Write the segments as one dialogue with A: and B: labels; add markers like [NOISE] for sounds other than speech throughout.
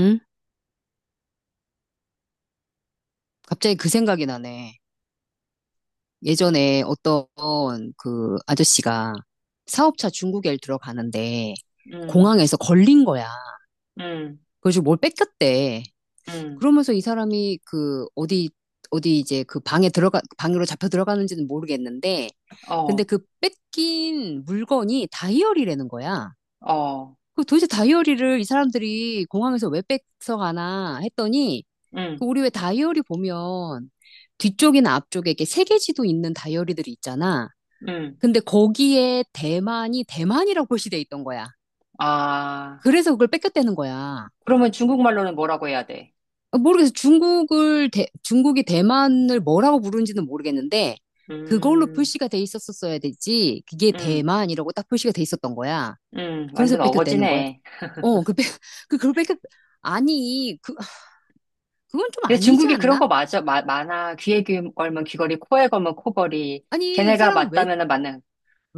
A: 응? 갑자기 그 생각이 나네. 예전에 어떤 그 아저씨가 사업차 중국에 들어가는데
B: 음,
A: 공항에서 걸린 거야.
B: 음,
A: 그래서고뭘 뺏겼대.
B: 음,
A: 그러면서 이 사람이 그 어디 어디 이제 그 방에 들어가 방으로 잡혀 들어가는지는 모르겠는데 근데
B: 어,
A: 그 뺏긴 물건이 다이어리라는 거야.
B: 어,
A: 그 도대체 다이어리를 이 사람들이 공항에서 왜 뺏어 가나 했더니 그
B: 음,
A: 우리 왜 다이어리 보면 뒤쪽이나 앞쪽에 이렇게 세계지도 있는 다이어리들이 있잖아.
B: 음.
A: 근데 거기에 대만이 대만이라고 [LAUGHS] 표시돼 있던 거야.
B: 아,
A: 그래서 그걸 뺏겼다는 거야.
B: 그러면 중국말로는 뭐라고 해야 돼?
A: 아, 모르겠어. 중국을 중국이 대만을 뭐라고 부르는지는 모르겠는데 그걸로
B: 음,
A: 표시가 돼 있었었어야 되지. 그게
B: 음,
A: 대만이라고 딱 표시가 돼 있었던 거야. 그래서
B: 완전
A: 뺏겼다는 거야.
B: 어거지네.
A: 어, 그, 뺏, 그, 그걸 뺏겼, 아니, 그, 그건 좀
B: 근데
A: 아니지
B: 중국이 그런
A: 않나?
B: 거 맞아, 많아. 귀에 귀 걸면 귀걸이, 코에 걸면 코걸이.
A: 아니, 이
B: 걔네가
A: 사람은 외,
B: 맞다면은 맞는.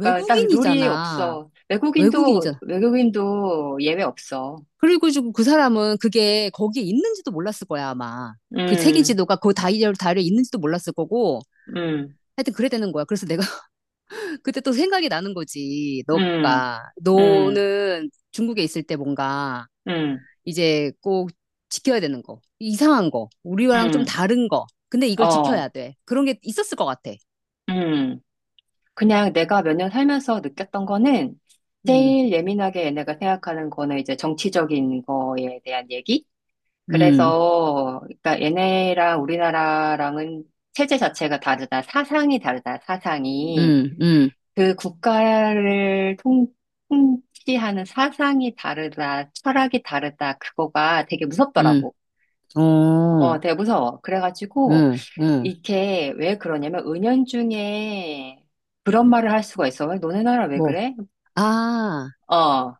B: 그러니까 딱 룰이 없어. 외국인도,
A: 외국인이잖아.
B: 외국인도 예외 없어.
A: 그리고 지금 그 사람은 그게 거기에 있는지도 몰랐을 거야, 아마. 그 책임
B: 음,
A: 지도가 그 다이어리에 있는지도 몰랐을 거고.
B: 음,
A: 하여튼 그래 되는 거야. 그래서 내가 [LAUGHS] 그때 또 생각이 나는 거지.
B: 음,
A: 너가.
B: 음,
A: 너는 중국에 있을 때 뭔가
B: 음,
A: 이제 꼭 지켜야 되는 거. 이상한 거. 우리와랑 좀
B: 음,
A: 다른 거. 근데 이걸 지켜야
B: 어,
A: 돼. 그런 게 있었을 것 같아.
B: 음. 그냥 내가 몇 년 살면서 느꼈던 거는
A: 음,
B: 제일 예민하게 얘네가 생각하는 거는 이제 정치적인 거에 대한 얘기?
A: 음,
B: 그래서, 그러니까 얘네랑 우리나라랑은 체제 자체가 다르다. 사상이 다르다. 사상이.
A: 음, 음,
B: 그 국가를 통치하는 사상이 다르다. 철학이 다르다. 그거가 되게
A: 음.
B: 무섭더라고.
A: 어,
B: 어, 되게 무서워. 그래가지고,
A: 음, 음.
B: 이게 왜 그러냐면, 은연중에 그런 말을 할 수가 있어. 왜 너네 나라 왜
A: 뭐.
B: 그래?
A: 아,
B: 어,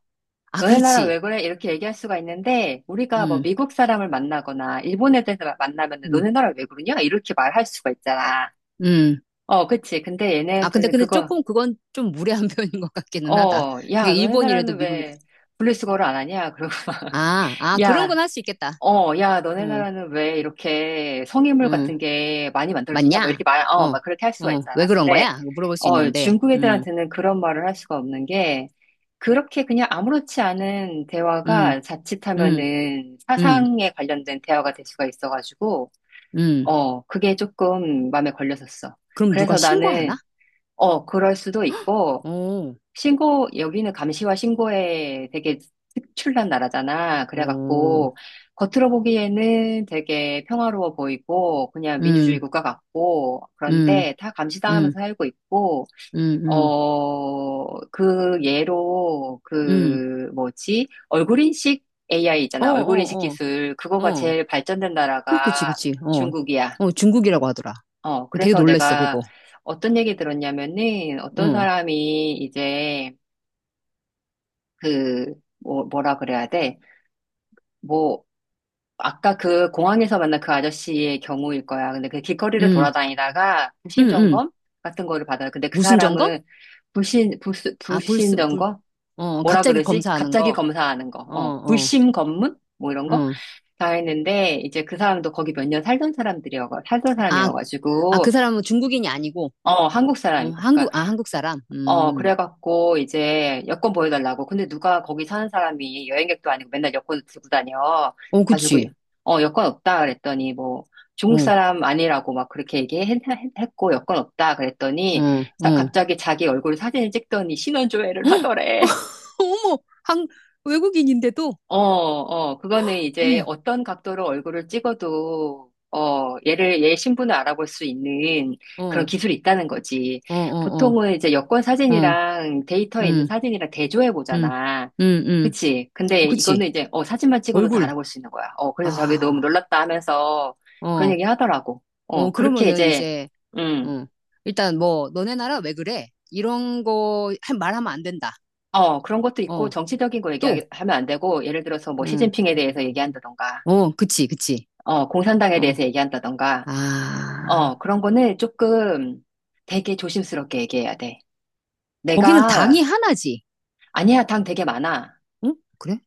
A: 아,
B: 너네 나라
A: 그렇지.
B: 왜 그래? 이렇게 얘기할 수가 있는데, 우리가 뭐
A: 음,
B: 미국 사람을 만나거나, 일본 애들 만나면
A: 음.
B: 너네 나라 왜 그러냐? 이렇게 말할 수가 있잖아.
A: 음,
B: 어, 그치. 근데
A: 아,
B: 얘네한테는
A: 근데
B: 그거,
A: 조금 그건 좀 무례한 [LAUGHS] 표현인 것 같기는 하다.
B: 어,
A: 그게
B: 야, 너네
A: 일본이라도
B: 나라는
A: 미국이라도.
B: 왜 분리수거를 안 하냐? 그러고 막, [LAUGHS]
A: 아, 아, 그런 건
B: 야,
A: 할 수 있겠다.
B: 어, 야, 너네
A: 응,
B: 나라는 왜 이렇게 성인물
A: 응,
B: 같은 게 많이 만들어지냐? 뭐
A: 맞냐?
B: 이렇게 말,
A: 어,
B: 어, 막 그렇게 할 수가
A: 어, 왜
B: 있잖아.
A: 그런
B: 근데,
A: 거야? 이거 물어볼 수
B: 어,
A: 있는데.
B: 중국 애들한테는 그런 말을 할 수가 없는 게, 그렇게 그냥 아무렇지 않은
A: 음,
B: 대화가
A: 음,
B: 자칫하면은
A: 음,
B: 사상에 관련된 대화가 될 수가 있어가지고,
A: 음.
B: 어, 그게 조금 마음에 걸렸었어.
A: 그럼 누가
B: 그래서
A: 신고하나?
B: 나는, 어, 그럴 수도 있고,
A: 어,
B: 신고, 여기는 감시와 신고에 되게 특출난 나라잖아.
A: 어,
B: 그래갖고, 겉으로 보기에는 되게 평화로워 보이고, 그냥 민주주의
A: 음,
B: 국가 같고,
A: 음,
B: 그런데 다
A: 음,
B: 감시당하면서 살고 있고,
A: 음, 음,
B: 어, 그 예로,
A: 음.
B: 그, 뭐지, 얼굴 인식 AI
A: 어,
B: 있잖아. 얼굴 인식
A: 어,
B: 기술.
A: 어,
B: 그거가
A: 어.
B: 제일 발전된
A: 그, 그치,
B: 나라가
A: 그치. 어,
B: 중국이야.
A: 어, 중국이라고 하더라.
B: 어,
A: 되게
B: 그래서
A: 놀랬어, 그거.
B: 내가 어떤 얘기 들었냐면은, 어떤
A: 응,
B: 사람이 이제, 그, 뭐, 뭐라 그래야 돼? 뭐, 아까 그 공항에서 만난 그 아저씨의 경우일 거야. 근데 그 길거리를
A: 음
B: 돌아다니다가 불신
A: 음 음
B: 점검 같은 거를 받아요. 근데 그
A: 무슨 점검?
B: 사람은 불신, 불,
A: 아,
B: 불신
A: 불순, 불,
B: 점검?
A: 어,
B: 뭐라
A: 갑자기
B: 그러지?
A: 검사하는
B: 갑자기
A: 거.
B: 검사하는 거.
A: 어,
B: 어,
A: 어,
B: 불심 검문? 뭐 이런 거?
A: 어.
B: 다 했는데, 이제 그 사람도 거기 몇 년 살던
A: 아, 아, 그
B: 사람이어가지고,
A: 사람은 중국인이 아니고,
B: 어, 한국 사람이고. 그러니까
A: 아, 한국 사람.
B: 어, 그래갖고 이제 여권 보여달라고. 근데 누가 거기 사는 사람이 여행객도 아니고 맨날 여권을 들고 다녀.
A: 어,
B: 가지고
A: 그치.
B: 어, 여권 없다 그랬더니 뭐
A: 어,
B: 중국
A: 어,
B: 사람 아니라고 막 그렇게 얘기했고 여권 없다 그랬더니
A: 어.
B: 갑자기 자기 얼굴 사진을 찍더니 신원
A: [GASPS]
B: 조회를
A: 헉!
B: 하더래.
A: [LAUGHS] 어머, 한, 외국인인데도,
B: 어, 어, 그거는
A: 어머,
B: 이제 어떤 각도로 얼굴을 찍어도, 어, 얘 신분을 알아볼 수 있는
A: 어,
B: 그런
A: 어,
B: 기술이 있다는 거지.
A: 어, 어, 어,
B: 보통은 이제 여권
A: 음,
B: 사진이랑 데이터에 있는 사진이랑 대조해
A: 음,
B: 보잖아.
A: 음, 음.
B: 그치? 근데
A: 그치.
B: 이거는 이제, 어, 사진만 찍어도 다
A: 얼굴.
B: 알아볼 수 있는 거야. 어, 그래서 저게 너무
A: 아,
B: 놀랐다 하면서 그런
A: 어,
B: 얘기 하더라고.
A: 어,
B: 어, 그렇게
A: 그러면은
B: 이제,
A: 이제,
B: 음,
A: 어, 일단 뭐, 너네 나라 왜 그래? 이런 거 말하면 안 된다.
B: 어, 그런 것도 있고,
A: 어,
B: 정치적인 거
A: 또,
B: 얘기하면 안 되고, 예를 들어서 뭐
A: 음.
B: 시진핑에 대해서 얘기한다던가,
A: 어, 그치, 그치.
B: 어, 공산당에
A: 어,
B: 대해서 얘기한다던가,
A: 아,
B: 어, 그런 거는 조금 되게 조심스럽게 얘기해야 돼.
A: 거기는
B: 내가,
A: 당이 하나지.
B: 아니야, 당 되게 많아.
A: 응? 그래?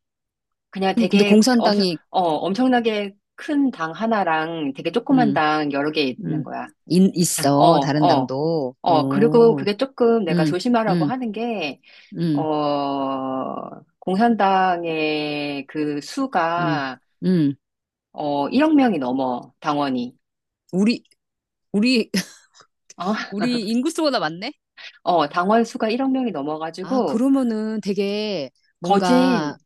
B: 그냥
A: 근데
B: 되게 엄청,
A: 공산당이,
B: 어, 엄청나게 큰 당 하나랑 되게 조그만
A: 음,
B: 당 여러 개 있는
A: 음,
B: 거야.
A: 인,
B: 당, 어,
A: 있어. 다른
B: 어,
A: 당도.
B: 어. 그리고
A: 어,
B: 그게 조금 내가
A: 음,
B: 조심하라고
A: 음,
B: 하는 게,
A: 음,
B: 어, 공산당의 그
A: 음,
B: 수가,
A: 음.
B: 어, 1억 명이 넘어, 당원이.
A: 우리, 우리, [LAUGHS]
B: 어, [LAUGHS]
A: 우리 인구수보다 많네?
B: 어, 당원 수가 1억 명이
A: 아,
B: 넘어가지고,
A: 그러면은 되게 뭔가,
B: 거진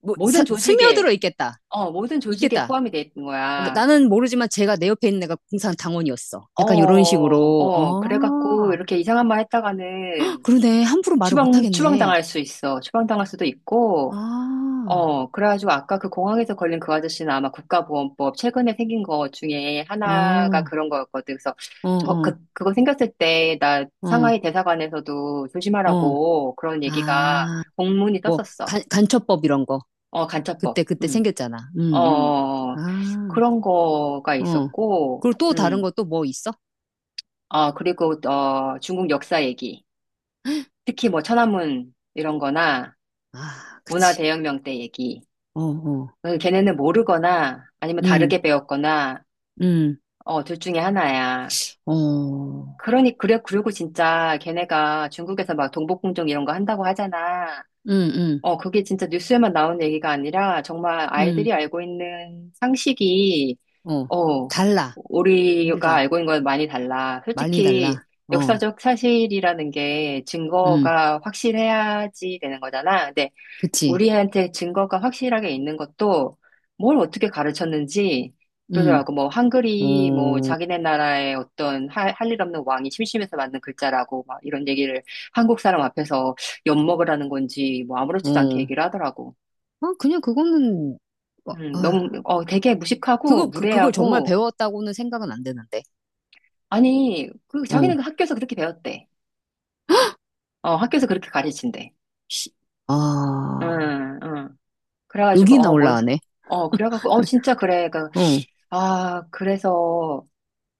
A: 뭐,
B: 모든
A: 스며들어
B: 조직에
A: 있겠다.
B: 어, 모든 조직에
A: 있겠다.
B: 포함이 돼 있는 거야.
A: 나는 모르지만 제가 내 옆에 있는 애가 공산당원이었어.
B: 어,
A: 약간 이런 식으로.
B: 어, 그래갖고
A: 아
B: 이렇게 이상한 말
A: [GASPS]
B: 했다가는
A: 그러네. 함부로 말을 못하겠네.
B: 추방당할 수 있어. 추방당할 수도 있고,
A: 아,
B: 어, 그래가지고 아까 그 공항에서 걸린 그 아저씨는 아마 국가보안법 최근에 생긴 거 중에
A: 어,
B: 하나가
A: 어,
B: 그런 거였거든. 그래서 저,
A: 어,
B: 그, 그거 생겼을 때 나
A: 어,
B: 상하이 대사관에서도
A: 어.
B: 조심하라고 그런 얘기가
A: 아,
B: 공문이
A: 뭐,
B: 떴었어.
A: 간, 간첩법 이런 거.
B: 어,
A: 그때,
B: 간첩법.
A: 그때
B: 음.
A: 생겼잖아.
B: 어, 어, 어.
A: 아,
B: 그런 거가
A: 어.
B: 있었고,
A: 그리고 또 다른
B: 음.
A: 거 또 뭐 있어?
B: 어, 그리고, 어, 중국 역사 얘기. 특히 뭐 천안문 이런 거나
A: 아,
B: 문화
A: 그치.
B: 대혁명 때 얘기.
A: 어, 어.
B: 어, 걔네는 모르거나 아니면
A: 음,
B: 다르게 배웠거나,
A: 음,
B: 어, 둘 중에 하나야.
A: 어.
B: 그러니, 그래, 그리고 진짜 걔네가 중국에서 막 동북공정 이런 거 한다고 하잖아.
A: 음, 음,
B: 어, 그게 진짜 뉴스에만 나오는 얘기가 아니라 정말
A: 음.
B: 아이들이 알고 있는 상식이
A: 어.
B: 어,
A: 달라.
B: 우리가
A: 우리랑.
B: 알고 있는 건 많이 달라.
A: 많이
B: 솔직히
A: 달라. 어,
B: 역사적 사실이라는 게
A: 음.
B: 증거가 확실해야지 되는 거잖아. 근데
A: 그치.
B: 우리한테 증거가 확실하게 있는 것도 뭘 어떻게 가르쳤는지
A: 음,
B: 그러더라고. 뭐 한글이 뭐
A: 어,
B: 자기네 나라의 어떤 할 일 없는 왕이 심심해서 만든 글자라고 막 이런 얘기를 한국 사람 앞에서 엿먹으라는 건지 뭐 아무렇지도 않게
A: 어.
B: 얘기를 하더라고.
A: 아, 그냥 그거는, 어,
B: 너무
A: 아.
B: 어 되게 무식하고
A: 그거, 그, 그걸 정말
B: 무례하고
A: 배웠다고는 생각은 안 되는데.
B: 아니, 그,
A: 어.
B: 자기는 그 학교에서 그렇게 배웠대. 어, 학교에서 그렇게 가르친대.
A: 시- 아,
B: 응, 응. 그래가지고,
A: 여기나
B: 어, 뭔, 소-
A: 올라가네.
B: 어, 그래가지고, 어, 진짜 그래. 그,
A: 어,
B: 아, 그래서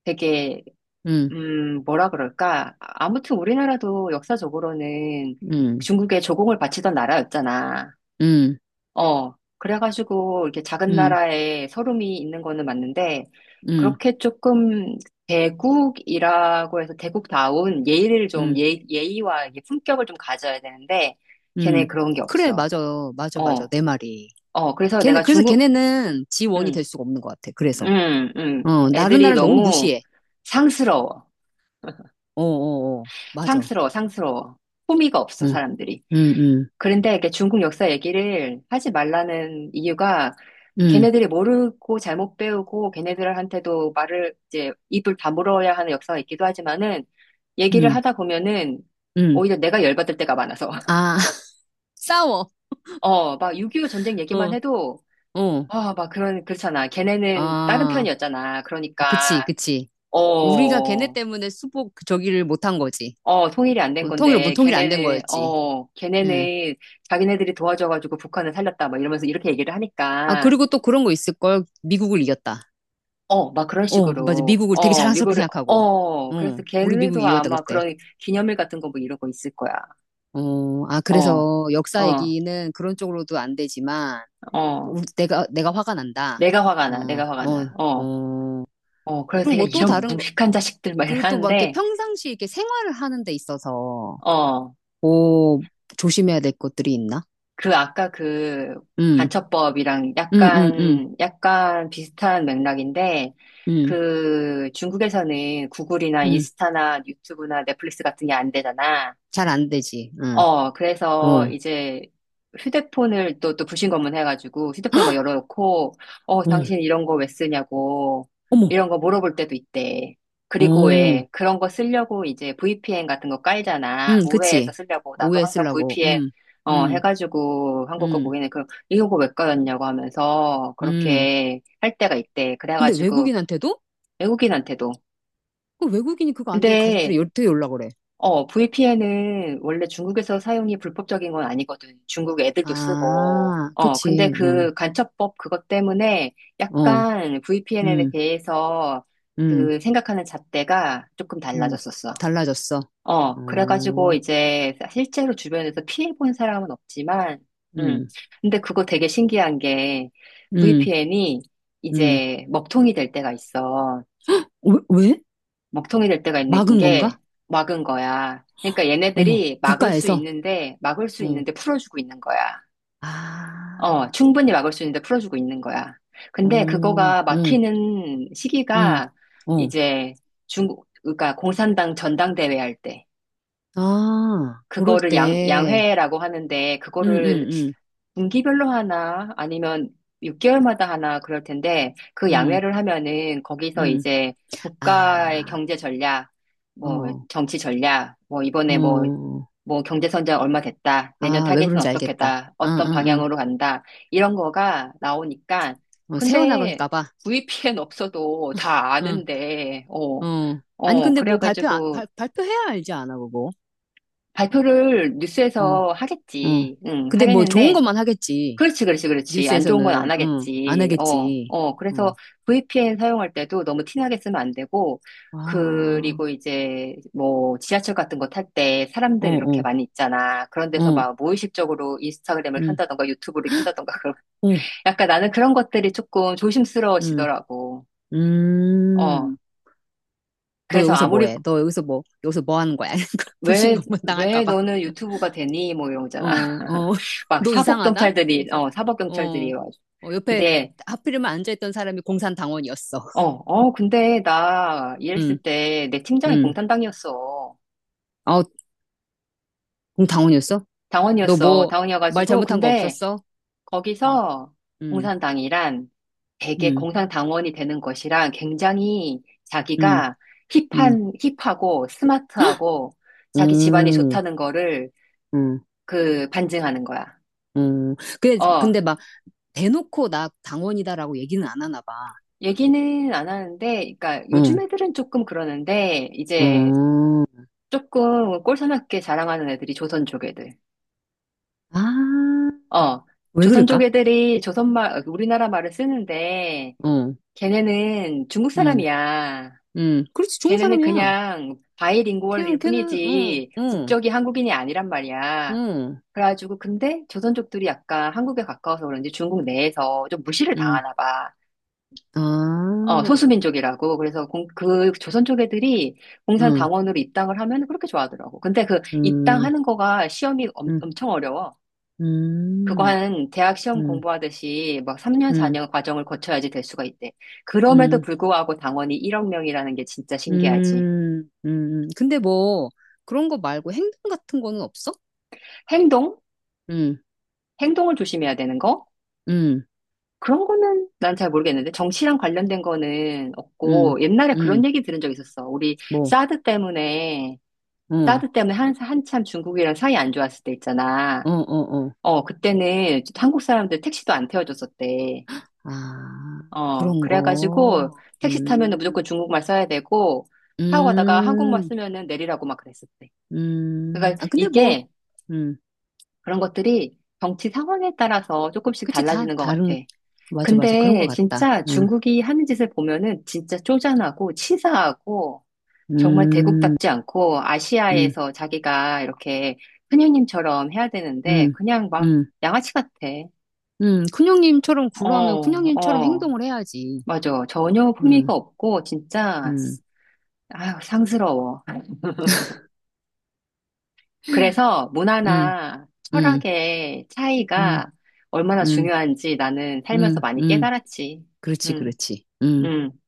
B: 되게,
A: 음,
B: 뭐라 그럴까. 아무튼 우리나라도 역사적으로는
A: 음,
B: 중국에 조공을 바치던 나라였잖아.
A: 음,
B: 어, 그래가지고 이렇게 작은
A: 음,
B: 나라에 서름이 있는 거는 맞는데,
A: 음,
B: 그렇게 조금 대국이라고 해서 대국다운 예의를 좀,
A: 음,
B: 예의와 이게 품격을 좀 가져야 되는데,
A: 음.
B: 걔네 그런 게
A: 그래,
B: 없어.
A: 맞아. 맞아, 맞아.
B: 어,
A: 내 말이.
B: 어, 그래서
A: 걔네,
B: 내가
A: 그래서
B: 중국,
A: 걔네는 지원이
B: 음,
A: 될 수가 없는 것 같아. 그래서. 어, 나른
B: 애들이
A: 나를 너무
B: 너무
A: 무시해.
B: 상스러워.
A: 어, 어, 어. 맞아.
B: 상스러워, 상스러워. 호미가 없어,
A: 응,
B: 사람들이.
A: 응, 응,
B: 그런데 이게 중국 역사 얘기를 하지 말라는 이유가
A: 응,
B: 걔네들이 모르고 잘못 배우고 걔네들한테도 말을 이제 입을 다물어야 하는 역사가 있기도 하지만은 얘기를
A: 응,
B: 하다 보면은
A: 응.
B: 오히려 내가 열받을 때가 많아서. [LAUGHS]
A: 아, [LAUGHS] 싸워.
B: 어, 막 6.25 전쟁 얘기만
A: 어,
B: 해도
A: 어.
B: 아, 막 그런, 그렇잖아. 걔네는 다른
A: 아,
B: 편이었잖아.
A: 어,
B: 그러니까,
A: 그치, 그치.
B: 어,
A: 우리가 걔네 때문에 수복 그 저기를 못한 거지.
B: 어, 통일이 안 된
A: 어, 통일, 뭐
B: 건데,
A: 통일 안 된
B: 걔네는,
A: 거였지.
B: 어,
A: 응.
B: 걔네는 자기네들이 도와줘가지고 북한을 살렸다. 막 이러면서 이렇게 얘기를
A: 아,
B: 하니까.
A: 그리고 또 그런 거 있을걸. 미국을 이겼다.
B: 어, 막 그런
A: 어, 맞아.
B: 식으로,
A: 미국을 되게
B: 어,
A: 자랑스럽게
B: 미국에,
A: 생각하고.
B: 어,
A: 어,
B: 그래서
A: 우리 미국
B: 걔네도
A: 이겼다,
B: 아마
A: 그때.
B: 그런 기념일 같은 거 뭐 이러고 있을 거야.
A: 어, 아,
B: 어,
A: 그래서 역사
B: 어,
A: 얘기는 그런 쪽으로도 안 되지만,
B: 어,
A: 우 내가, 내가 화가 난다.
B: 내가 화가
A: 어,
B: 나, 내가 화가 나.
A: 어,
B: 어,
A: 어.
B: 어, 그래서
A: 그리고
B: 되게
A: 뭐 또
B: 이런
A: 다른 거,
B: 무식한 자식들 막
A: 그리고 또 막 이렇게
B: 이러는데,
A: 평상시 이렇게 생활을 하는 데 있어서,
B: 어,
A: 오, 조심해야 될 것들이 있나?
B: 그 아까 그
A: 응,
B: 간첩법이랑
A: 응, 응, 응,
B: 약간 비슷한 맥락인데,
A: 응,
B: 그 중국에서는 구글이나
A: 응.
B: 인스타나 유튜브나 넷플릭스 같은 게 안 되잖아.
A: 잘 안 되지. 응.
B: 어, 그래서
A: 어.
B: 이제 휴대폰을 또 불신검문 해가지고 휴대폰에 막 열어놓고, 어,
A: 응.
B: 당신 이런 거 왜 쓰냐고,
A: 어머.
B: 이런 거 물어볼 때도 있대. 그리고
A: 어.
B: 왜 그런 거 쓰려고 이제 VPN 같은 거 깔잖아.
A: 응,
B: 우회해서
A: 그치.
B: 쓰려고. 나도
A: 오해
B: 항상
A: 쓰려고.
B: VPN,
A: 응.
B: 어,
A: 응.
B: 해가지고 한국 거
A: 응.
B: 보이네. 그럼 이거 왜 깔았냐고 하면서
A: 응.
B: 그렇게 할 때가 있대.
A: 근데
B: 그래가지고
A: 외국인한테도?
B: 외국인한테도.
A: 그 외국인이 그거 안 되면 가족들이
B: 근데
A: 되게 연락 그래.
B: 어, VPN은 원래 중국에서 사용이 불법적인 건 아니거든. 중국 애들도 쓰고.
A: 아,
B: 어, 근데
A: 그치. 응.
B: 그 간첩법 그것 때문에
A: 어.
B: 약간 VPN에
A: 응.
B: 대해서
A: 응.
B: 그 생각하는 잣대가 조금
A: 응.
B: 달라졌었어.
A: 달라졌어.
B: 어,
A: 어.
B: 그래가지고 이제 실제로 주변에서 피해본 사람은 없지만, 음,
A: 응.
B: 근데 그거 되게 신기한 게
A: 응.
B: VPN이
A: 응.
B: 이제 먹통이 될 때가 있어.
A: 왜? 왜?
B: 먹통이 될 때가 있는
A: 막은 건가?
B: 게 막은 거야. 그러니까
A: 어머.
B: 얘네들이 막을 수
A: 국가에서.
B: 있는데, 막을 수
A: 어.
B: 있는데 풀어주고 있는 거야.
A: 아.
B: 어, 충분히 막을 수 있는데 풀어주고 있는 거야. 근데
A: 어.
B: 그거가
A: 응.
B: 막히는
A: 응.
B: 시기가
A: 어.
B: 이제 중국, 그러니까 공산당 전당대회 할 때.
A: 아, 고를
B: 그거를
A: 때,
B: 양회라고 하는데,
A: 음,
B: 그거를
A: 음,
B: 분기별로 하나, 아니면 6개월마다 하나 그럴 텐데, 그
A: 음,
B: 양회를 하면은
A: 음,
B: 거기서
A: 음.
B: 이제 국가의
A: 아,
B: 경제 전략, 뭐
A: 어,
B: 정치 전략, 뭐 이번에 뭐,
A: 어.
B: 뭐 경제 성장 얼마 됐다, 내년
A: 아, 왜
B: 타겟은
A: 그런지 알겠다.
B: 어떻게다,
A: 응,
B: 어떤
A: 응,
B: 방향으로 간다, 이런 거가 나오니까,
A: 응. 어,
B: 근데
A: 세워나갈까 봐.
B: VPN 없어도 다
A: 응,
B: 아는데, 어,
A: 어. 아니,
B: 어,
A: 근데 뭐 발표,
B: 그래가지고,
A: 발, 발표해야 알지 않아, 그거.
B: 발표를
A: 응,
B: 뉴스에서
A: 응.
B: 하겠지. 응,
A: 근데 뭐 좋은
B: 하겠는데,
A: 것만 하겠지.
B: 그렇지, 그렇지, 그렇지. 안 좋은 건
A: 뉴스에서는,
B: 안
A: 응, 안
B: 하겠지. 어,
A: 하겠지.
B: 어. 그래서
A: 응.
B: VPN 사용할 때도 너무 티나게 쓰면 안 되고,
A: 와,
B: 그리고 이제 뭐 지하철 같은 거 탈 때
A: 어,
B: 사람들
A: 어,
B: 이렇게
A: 어,
B: 많이 있잖아. 그런 데서
A: 응,
B: 막 무의식적으로 인스타그램을 켠다던가 유튜브를 켠다던가 [LAUGHS] 그런
A: 어,
B: 약간 나는 그런 것들이 조금
A: 응,
B: 조심스러워지더라고. 어.
A: 음. 너
B: 그래서
A: 여기서 뭐
B: 아무리
A: 해? 너 여기서 뭐, 여기서 뭐 하는 거야? [LAUGHS]
B: 왜,
A: 불신검문 당할까
B: 왜
A: 봐.
B: 너는 유튜브가 되니? 뭐 이런
A: 어,
B: 거잖아.
A: 어,
B: [LAUGHS]
A: [LAUGHS]
B: 막
A: 너
B: 사복
A: 이상하다?
B: 경찰들이,
A: 그래서,
B: 어, 사복
A: 어,
B: 경찰들이 와가지고.
A: 어, 옆에
B: 근데,
A: 하필이면 앉아있던 사람이 공산당원이었어.
B: 어, 어, 근데 나
A: 응,
B: 일했을 때 내 팀장이
A: 응.
B: 공산당이었어.
A: 아, 공당원이었어? 너
B: 당원이었어.
A: 뭐, 말
B: 당원이어가지고.
A: 잘못한 거
B: 근데
A: 없었어? 응,
B: 거기서
A: 응,
B: 공산당이란 되게
A: 응,
B: 공산당원이 되는 것이랑 굉장히
A: 응,
B: 자기가
A: 응,
B: 힙한, 힙하고 스마트하고 자기 집안이
A: 응,
B: 좋다는 거를
A: 응,
B: 그 반증하는 거야.
A: 응.
B: 어,
A: 근데 막, 대놓고 나 당원이다라고 얘기는 안 하나 봐.
B: 얘기는 안 하는데, 그러니까
A: 응,
B: 요즘 애들은 조금 그러는데, 이제
A: 응.
B: 조금 꼴사납게 자랑하는 애들이 조선 족 애들.
A: 아,
B: 어,
A: 왜
B: 조선 족
A: 그럴까?
B: 애들이 조선말, 우리나라 말을 쓰는데,
A: 응,
B: 걔네는 중국
A: 응.
B: 사람이야.
A: 그렇지, 좋은
B: 걔네는
A: 사람이야.
B: 그냥
A: 걔는,
B: 바이링구얼일
A: 걔는,
B: 뿐이지, 국적이 한국인이 아니란 말이야.
A: 응,
B: 그래가지고, 근데 조선족들이 약간 한국에 가까워서 그런지 중국 내에서 좀 무시를
A: 응.
B: 당하나 봐.
A: 아,
B: 어, 소수민족이라고. 그래서 공, 그 조선 쪽 애들이
A: 응,
B: 공산당원으로 입당을 하면 그렇게 좋아하더라고. 근데 그
A: 음,
B: 입당하는 거가 시험이
A: 음,
B: 엄청 어려워. 그거
A: 음,
B: 한 대학 시험
A: 음,
B: 공부하듯이 막 3년,
A: 음,
B: 4년 과정을 거쳐야지 될 수가 있대. 그럼에도
A: 음,
B: 불구하고 당원이 1억 명이라는 게 진짜 신기하지.
A: 근데 뭐, 그런 거 말고 행동 같은 거는 없어?
B: 행동?
A: 응,
B: 행동을 조심해야 되는 거?
A: 응,
B: 그런 거는 난 잘 모르겠는데 정치랑 관련된 거는
A: 응,
B: 없고 옛날에
A: 응,
B: 그런 얘기 들은 적 있었어. 우리
A: 뭐,
B: 사드 때문에
A: 어,
B: 사드 때문에 한참 중국이랑 사이 안 좋았을 때 있잖아.
A: 어, 어, 어.
B: 어, 그때는 한국 사람들 택시도 안 태워줬었대.
A: 아,
B: 어,
A: 그런
B: 그래가지고
A: 거.
B: 택시 타면은 무조건 중국말 써야 되고, 타고 가다가 한국말
A: 음,
B: 쓰면은 내리라고 막 그랬었대. 그러니까
A: 아, 근데 뭐,
B: 이게 그런 것들이 정치 상황에 따라서 조금씩
A: 그치, 다
B: 달라지는 것 같아.
A: 다른, 맞아, 맞아. 그런 것
B: 근데
A: 같다.
B: 진짜
A: 응.
B: 중국이 하는 짓을 보면은 진짜 쪼잔하고 치사하고 정말
A: 음,
B: 대국답지 않고
A: 음,
B: 아시아에서 자기가 이렇게 큰형님처럼 해야 되는데
A: 음,
B: 그냥 막
A: 음,
B: 양아치 같아.
A: 큰형님처럼
B: 어,
A: 굴러하면 큰형님처럼
B: 어,
A: 행동을 해야지.
B: 맞아. 전혀
A: 음,
B: 품위가 없고 진짜
A: 음,
B: 아유, 상스러워. 그래서
A: 음,
B: 문화나
A: 음,
B: 철학의
A: 음,
B: 차이가 얼마나
A: 음,
B: 중요한지 나는 살면서
A: 음,
B: 많이
A: 음.
B: 깨달았지.
A: 그렇지,
B: 음,
A: 그렇지. 음.
B: 음.